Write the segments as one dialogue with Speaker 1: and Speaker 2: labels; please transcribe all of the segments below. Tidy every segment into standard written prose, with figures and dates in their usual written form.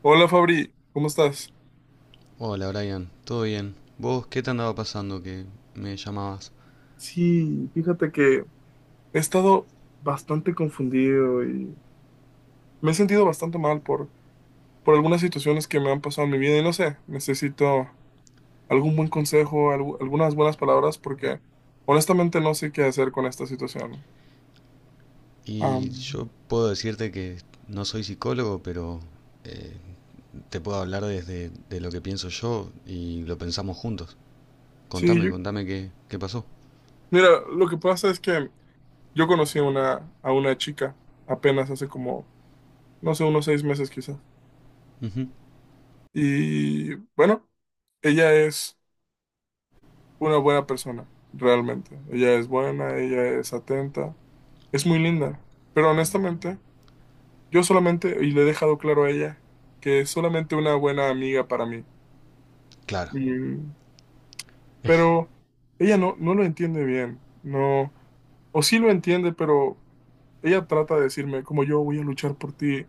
Speaker 1: Hola Fabri, ¿cómo estás?
Speaker 2: Hola Brian, ¿todo bien? ¿Vos qué te andaba pasando que me llamabas?
Speaker 1: Sí, fíjate que he estado bastante confundido y me he sentido bastante mal por algunas situaciones que me han pasado en mi vida y no sé, necesito algún buen consejo, algunas buenas palabras porque honestamente no sé qué hacer con esta situación.
Speaker 2: Y
Speaker 1: Am,
Speaker 2: yo puedo decirte que no soy psicólogo, pero eh, te puedo hablar desde de lo que pienso yo y lo pensamos juntos.
Speaker 1: sí,
Speaker 2: Contame, contame qué pasó.
Speaker 1: mira, lo que pasa es que yo conocí a una chica apenas hace como, no sé, unos 6 meses quizás.
Speaker 2: Ujú.
Speaker 1: Y bueno, ella es una buena persona, realmente. Ella es buena, ella es atenta, es muy linda. Pero honestamente, yo solamente, y le he dejado claro a ella, que es solamente una buena amiga para mí.
Speaker 2: Claro,
Speaker 1: Mm, pero ella no, no lo entiende bien, no, o sí lo entiende, pero ella trata de decirme, como yo voy a luchar por ti,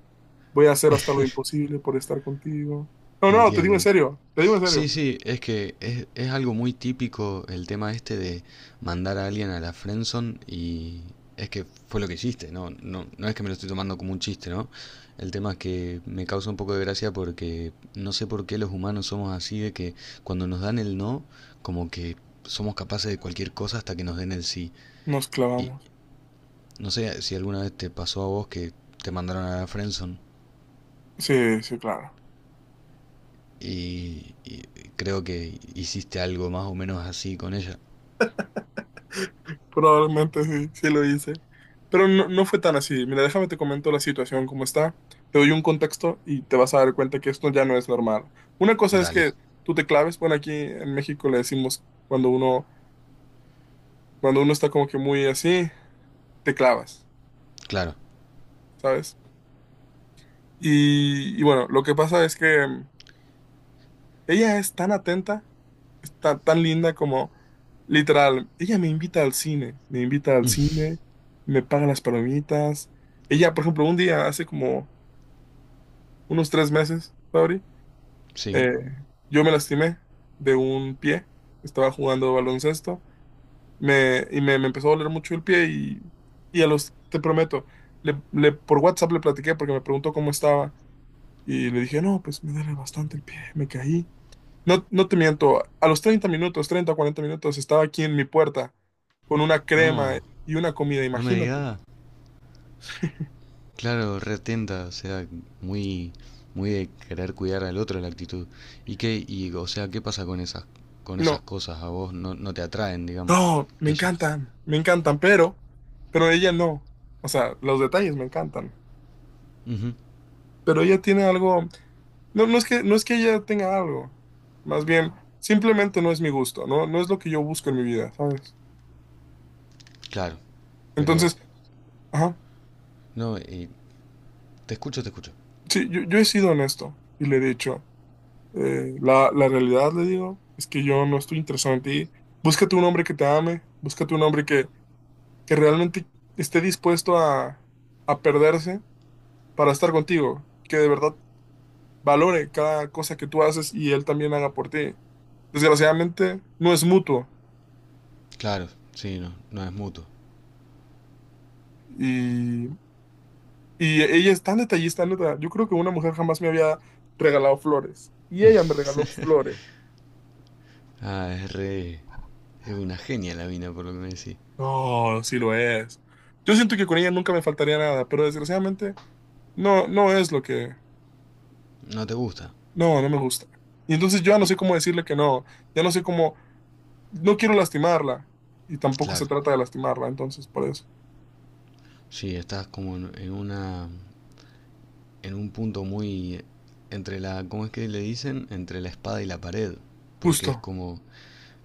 Speaker 1: voy a hacer hasta lo imposible por estar contigo. No, no, te digo en
Speaker 2: entiendo.
Speaker 1: serio, te digo en
Speaker 2: Sí,
Speaker 1: serio.
Speaker 2: sí, es que es algo muy típico el tema este de mandar a alguien a la friendzone y es que fue lo que hiciste, ¿no? No, no es que me lo estoy tomando como un chiste, ¿no? El tema es que me causa un poco de gracia porque no sé por qué los humanos somos así de que cuando nos dan el no, como que somos capaces de cualquier cosa hasta que nos den el sí.
Speaker 1: Nos
Speaker 2: Y
Speaker 1: clavamos.
Speaker 2: no sé si alguna vez te pasó a vos que te mandaron a la friendzone
Speaker 1: Sí, sí, claro.
Speaker 2: y creo que hiciste algo más o menos así con ella.
Speaker 1: Probablemente sí, sí lo hice. Pero no, no fue tan así. Mira, déjame te comento la situación como está. Te doy un contexto y te vas a dar cuenta que esto ya no es normal. Una cosa es
Speaker 2: Dale.
Speaker 1: que tú te claves. Bueno, aquí en México le decimos cuando uno está como que muy así, te clavas,
Speaker 2: Claro,
Speaker 1: ¿sabes? Y bueno, lo que pasa es que ella es tan atenta, es tan, tan linda como literal. Ella me invita al cine, me invita al cine, me paga las palomitas. Ella, por ejemplo, un día hace como unos 3 meses, Fabri.
Speaker 2: sí.
Speaker 1: Eh, yo me lastimé de un pie, estaba jugando baloncesto me empezó a doler mucho el pie y a los, te prometo, por WhatsApp le platiqué porque me preguntó cómo estaba y le dije, no, pues me duele bastante el pie, me caí. No, no te miento, a los 30 minutos, 30 o 40 minutos, estaba aquí en mi puerta con una crema
Speaker 2: No,
Speaker 1: y una comida,
Speaker 2: no me
Speaker 1: imagínate.
Speaker 2: digas. Claro, retenta, o sea, muy, muy de querer cuidar al otro la actitud. ¿Y qué, y, o sea, qué pasa con esas
Speaker 1: No,
Speaker 2: cosas? A vos no, no te atraen, digamos,
Speaker 1: no,
Speaker 2: que ella.
Speaker 1: me encantan, pero ella no. O sea, los detalles me encantan.
Speaker 2: Ujú,
Speaker 1: Pero ella tiene algo, no, no es que, no es que ella tenga algo, más bien, simplemente no es mi gusto, no, no es lo que yo busco en mi vida, ¿sabes?
Speaker 2: claro, pero,
Speaker 1: Entonces, ajá,
Speaker 2: no, y te escucho, te escucho.
Speaker 1: sí, yo he sido honesto y le he dicho, la, la realidad, le digo, es que yo no estoy interesado en ti, búscate un hombre que te ame, búscate un hombre que realmente esté dispuesto a perderse para estar contigo, que de verdad valore cada cosa que tú haces y él también haga por ti. Desgraciadamente, no es mutuo.
Speaker 2: Claro, sí, no, no es mutuo.
Speaker 1: Y Y ella es tan detallista, neta. Yo creo que una mujer jamás me había regalado flores. Y ella me regaló flores.
Speaker 2: Ah, es re... Es una genia la mina, por lo que me decís.
Speaker 1: No, sí lo es. Yo siento que con ella nunca me faltaría nada, pero desgraciadamente no, no es lo que…
Speaker 2: No te gusta.
Speaker 1: No, no me gusta. Y entonces yo ya no
Speaker 2: Y,
Speaker 1: sé cómo decirle que no. Ya no sé cómo… No quiero lastimarla. Y tampoco se
Speaker 2: claro,
Speaker 1: trata de lastimarla, entonces por eso.
Speaker 2: sí, estás como en una en un punto muy entre la, ¿cómo es que le dicen? Entre la espada y la pared, porque
Speaker 1: Justo.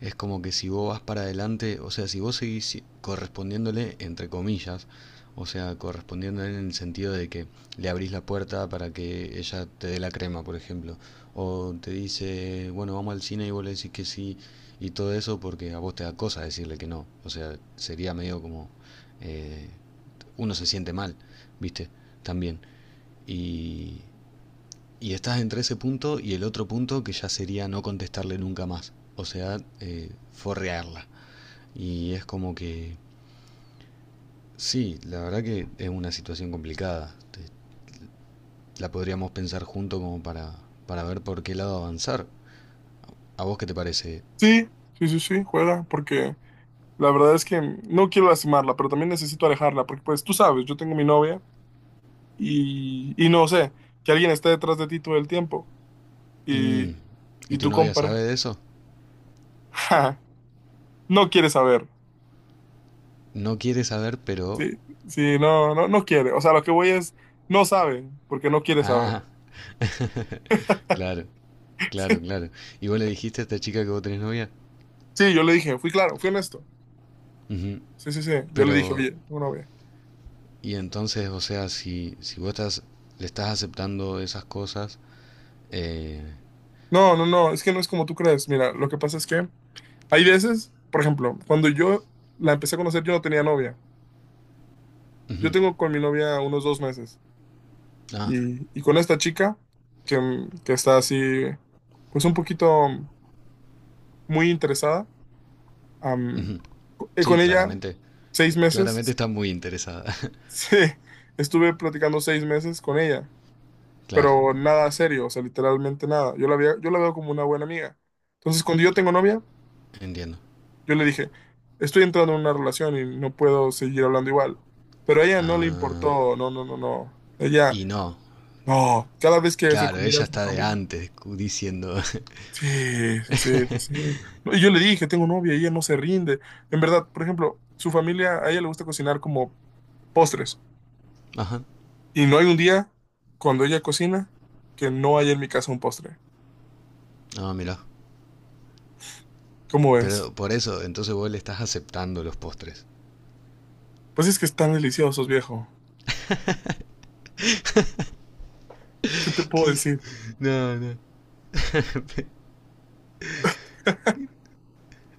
Speaker 2: es como que si vos vas para adelante, o sea, si vos seguís correspondiéndole entre comillas, o sea, correspondiéndole en el sentido de que le abrís la puerta para que ella te dé la crema, por ejemplo, o te dice, bueno, vamos al cine y vos le decís que sí y todo eso porque a vos te da cosa decirle que no, o sea, sería medio como eh, uno se siente mal, ¿viste? También. Y, y estás entre ese punto y el otro punto que ya sería no contestarle nunca más. O sea, forrearla. Y es como que, sí, la verdad que es una situación complicada. La podríamos pensar junto como para ver por qué lado avanzar. ¿A vos qué te parece?
Speaker 1: Sí, sí, sí, sí, juega, porque la verdad es que no quiero lastimarla, pero también necesito alejarla, porque pues tú sabes, yo tengo mi novia. Y no sé, que alguien esté detrás de ti todo el tiempo y,
Speaker 2: Mm, ¿y
Speaker 1: y
Speaker 2: tu
Speaker 1: tú
Speaker 2: novia
Speaker 1: compares
Speaker 2: sabe de eso?
Speaker 1: no quiere saber.
Speaker 2: No quiere saber, pero...
Speaker 1: Sí, sí, no, no, no quiere. O sea, lo que voy es, no sabe, porque no quiere saber.
Speaker 2: Ah, claro, claro, claro. ¿Y vos le dijiste a esta chica que vos tenés novia?
Speaker 1: Sí, yo le dije, fui claro, fui honesto.
Speaker 2: Ujú.
Speaker 1: Sí, sí, sí. Yo le dije,
Speaker 2: Pero,
Speaker 1: oye, tengo novia.
Speaker 2: y entonces, o sea, si, si vos estás, le estás aceptando esas cosas, eh,
Speaker 1: No, no, no, es que no es como tú crees. Mira, lo que pasa es que hay veces, por ejemplo, cuando yo la empecé a conocer, yo no tenía novia. Yo
Speaker 2: ujú,
Speaker 1: tengo con mi novia unos 2 meses.
Speaker 2: ah,
Speaker 1: Y con esta chica, que, que está así, pues un poquito muy interesada, am,
Speaker 2: ujú, sí,
Speaker 1: con ella
Speaker 2: claramente,
Speaker 1: seis
Speaker 2: claramente
Speaker 1: meses,
Speaker 2: está muy interesada.
Speaker 1: sí, estuve platicando 6 meses con ella,
Speaker 2: Claro,
Speaker 1: pero nada serio, o sea, literalmente nada. Yo la veo como una buena amiga. Entonces, cuando yo tengo novia,
Speaker 2: entiendo.
Speaker 1: yo le dije, estoy entrando en una relación y no puedo seguir hablando igual. Pero a ella no le
Speaker 2: Ah,
Speaker 1: importó, no, no, no, no. Ella,
Speaker 2: y no,
Speaker 1: no, cada vez que se
Speaker 2: claro,
Speaker 1: comía
Speaker 2: ella
Speaker 1: a su
Speaker 2: está de
Speaker 1: familia.
Speaker 2: antes cu- diciendo,
Speaker 1: Sí, sí, sí, sí. sí. No, y yo le dije, tengo novia y ella no se rinde. En verdad, por ejemplo, su familia, a ella le gusta cocinar como postres.
Speaker 2: ajá,
Speaker 1: Y no hay un día cuando ella cocina que no haya en mi casa un postre.
Speaker 2: no, mira,
Speaker 1: ¿Cómo es?
Speaker 2: pero por eso, entonces vos le estás aceptando los postres.
Speaker 1: Pues es que están deliciosos, viejo. ¿Qué te puedo
Speaker 2: ¿Qué?
Speaker 1: decir?
Speaker 2: No, no.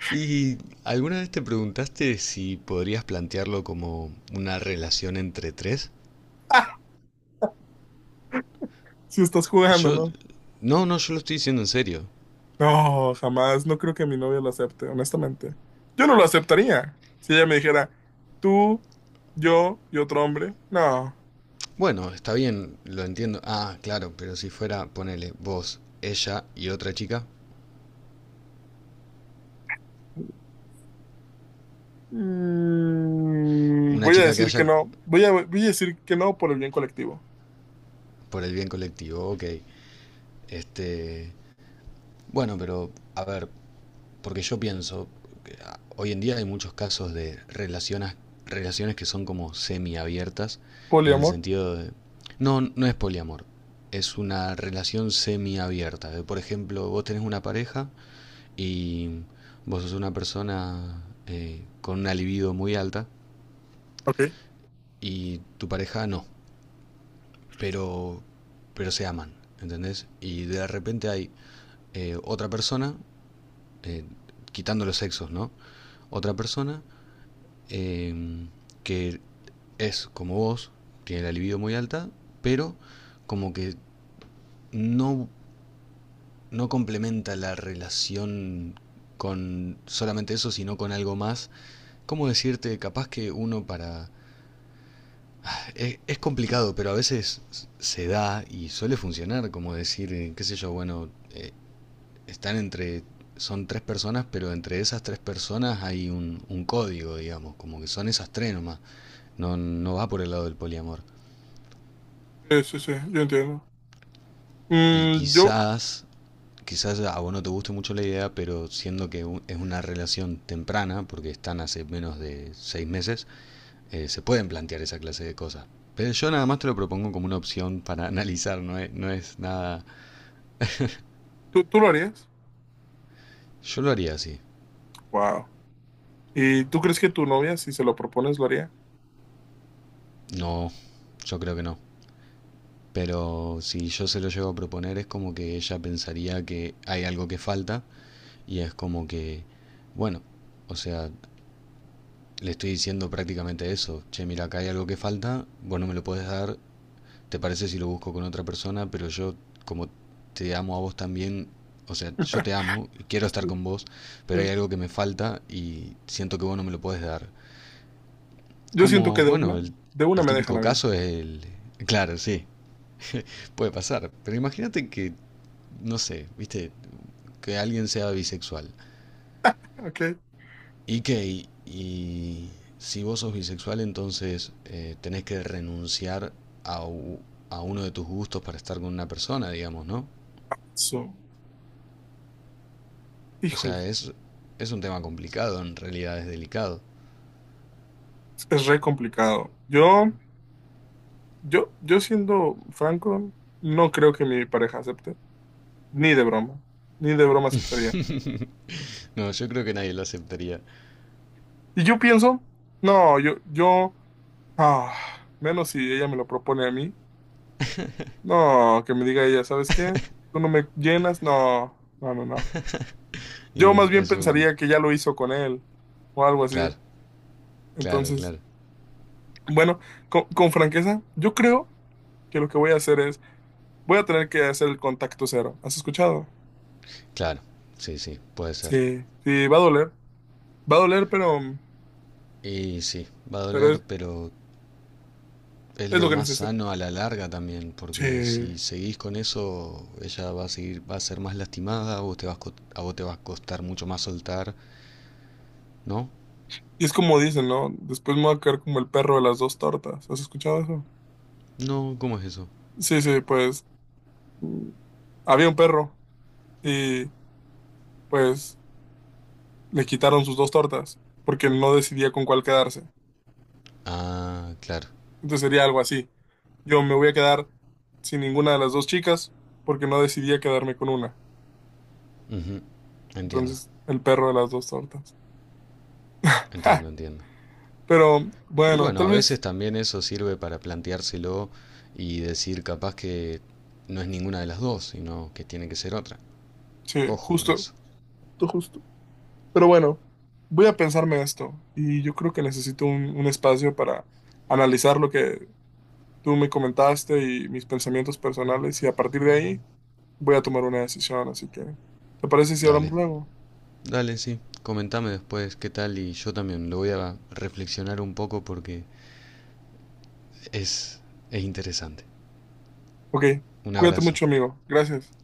Speaker 2: ¿Y alguna vez te preguntaste si podrías plantearlo como una relación entre tres?
Speaker 1: Si estás jugando,
Speaker 2: Yo,
Speaker 1: ¿no?
Speaker 2: no, no, yo lo estoy diciendo en serio.
Speaker 1: No, jamás. No creo que mi novia lo acepte, honestamente. Yo no lo aceptaría. Si ella me dijera, tú, yo y otro hombre. No.
Speaker 2: Bueno, está bien, lo entiendo. Ah, claro, pero si fuera, ponele, vos, ella y otra chica.
Speaker 1: Mm,
Speaker 2: Una
Speaker 1: voy a
Speaker 2: chica que
Speaker 1: decir que
Speaker 2: haya
Speaker 1: no. Voy a decir que no por el bien colectivo.
Speaker 2: por el bien colectivo, ok. Este, bueno, pero a ver, porque yo pienso, hoy en día hay muchos casos de relaciones, relaciones que son como semiabiertas, en el
Speaker 1: Poliamor.
Speaker 2: sentido de... No, no es poliamor, es una relación semiabierta. De, por ejemplo, vos tenés una pareja y vos sos una persona con una libido muy alta
Speaker 1: Ok.
Speaker 2: y tu pareja no, pero, pero se aman, ¿entendés? Y de repente hay otra persona, eh, quitando los sexos, ¿no? Otra persona eh, que es como vos, tiene la libido muy alta, pero como que no, no complementa la relación con solamente eso, sino con algo más. ¿Cómo decirte? Capaz que uno para... es complicado, pero a veces se da y suele funcionar, como decir, qué sé yo, bueno, están entre, son tres personas, pero entre esas tres personas hay un código, digamos, como que son esas tres nomás, no, no va por el lado del poliamor.
Speaker 1: Sí, sí, sí, yo entiendo.
Speaker 2: Y
Speaker 1: Mm, yo,
Speaker 2: quizás, quizás a vos no te guste mucho la idea, pero siendo que u- es una relación temprana, porque están hace menos de 6 meses, se pueden plantear esa clase de cosas. Pero yo nada más te lo propongo como una opción para analizar, no es, no es nada.
Speaker 1: tú lo harías?
Speaker 2: Yo lo haría así.
Speaker 1: Wow. ¿Y tú crees que tu novia, si se lo propones, lo haría?
Speaker 2: No, yo creo que no. Pero si yo se lo llego a proponer es como que ella pensaría que hay algo que falta y es como que, bueno, o sea, le estoy diciendo prácticamente eso. Che, mira, acá hay algo que falta, vos no me lo podés dar, te parece si lo busco con otra persona, pero yo como te amo a vos también, o sea, yo te amo y quiero estar
Speaker 1: Sí,
Speaker 2: con vos, pero hay
Speaker 1: sí.
Speaker 2: algo que me falta y siento que vos no me lo podés dar.
Speaker 1: Yo siento que
Speaker 2: Como, bueno,
Speaker 1: de una
Speaker 2: el
Speaker 1: me dejan
Speaker 2: típico
Speaker 1: a mí.
Speaker 2: caso es el... Claro, sí, puede pasar. Pero imagínate que, no sé, viste, que alguien sea bisexual.
Speaker 1: Ok.
Speaker 2: Y que, y si vos sos bisexual, entonces tenés que renunciar a, a uno de tus gustos para estar con una persona, digamos, ¿no?
Speaker 1: So,
Speaker 2: O
Speaker 1: híjole,
Speaker 2: sea, es un tema complicado, en realidad es delicado.
Speaker 1: es re complicado. Yo siendo franco, no creo que mi pareja acepte. Ni de broma. Ni de broma aceptaría.
Speaker 2: No, yo creo que nadie lo aceptaría.
Speaker 1: Y yo pienso, no, yo, yo. Ah, menos si ella me lo propone a mí. No, que me diga ella, ¿sabes qué? ¿Tú no me llenas? No, no, no, no.
Speaker 2: Y
Speaker 1: Yo más bien
Speaker 2: es un...
Speaker 1: pensaría que ya lo hizo con él o algo así.
Speaker 2: Claro, claro,
Speaker 1: Entonces,
Speaker 2: claro.
Speaker 1: bueno, con franqueza, yo creo que lo que voy a hacer es, voy a tener que hacer el contacto cero. ¿Has escuchado?
Speaker 2: Claro, sí, sí, puede ser.
Speaker 1: Sí, sí, va a doler. Va a doler,
Speaker 2: Y sí, va a
Speaker 1: pero
Speaker 2: doler, pero es
Speaker 1: es lo
Speaker 2: lo
Speaker 1: que
Speaker 2: más
Speaker 1: necesito.
Speaker 2: sano a la larga también, porque
Speaker 1: Sí.
Speaker 2: si seguís con eso, ella va a seguir, va a ser más lastimada, a vos te vas, co- a vos te va a costar mucho más soltar, ¿no?
Speaker 1: Y es como dicen, ¿no? Después me voy a caer como el perro de las dos tortas. ¿Has escuchado eso?
Speaker 2: No, ¿cómo es eso?
Speaker 1: Sí, sí, pues mm, había un perro. Y pues le quitaron sus dos tortas porque no decidía con cuál quedarse.
Speaker 2: Ah, claro.
Speaker 1: Entonces sería algo así. Yo me voy a quedar sin ninguna de las dos chicas porque no decidía quedarme con una.
Speaker 2: Ujú. Entiendo,
Speaker 1: Entonces el perro de las dos tortas. ¡Ja!
Speaker 2: entiendo, entiendo.
Speaker 1: Pero
Speaker 2: Y
Speaker 1: bueno,
Speaker 2: bueno,
Speaker 1: tal
Speaker 2: a
Speaker 1: vez,
Speaker 2: veces también eso sirve para planteárselo y decir capaz que no es ninguna de las dos, sino que tiene que ser otra.
Speaker 1: sí,
Speaker 2: Ojo con
Speaker 1: justo,
Speaker 2: eso.
Speaker 1: justo, justo. Pero bueno, voy a pensarme esto y yo creo que necesito un espacio para analizar lo que tú me comentaste y mis pensamientos personales y a partir de ahí voy a tomar una decisión, así que, ¿te parece si hablamos
Speaker 2: Dale,
Speaker 1: luego?
Speaker 2: dale, sí. Comentame después qué tal y yo también lo voy a reflexionar un poco porque es, es interesante.
Speaker 1: Ok,
Speaker 2: Un
Speaker 1: cuídate
Speaker 2: abrazo.
Speaker 1: mucho, amigo. Gracias.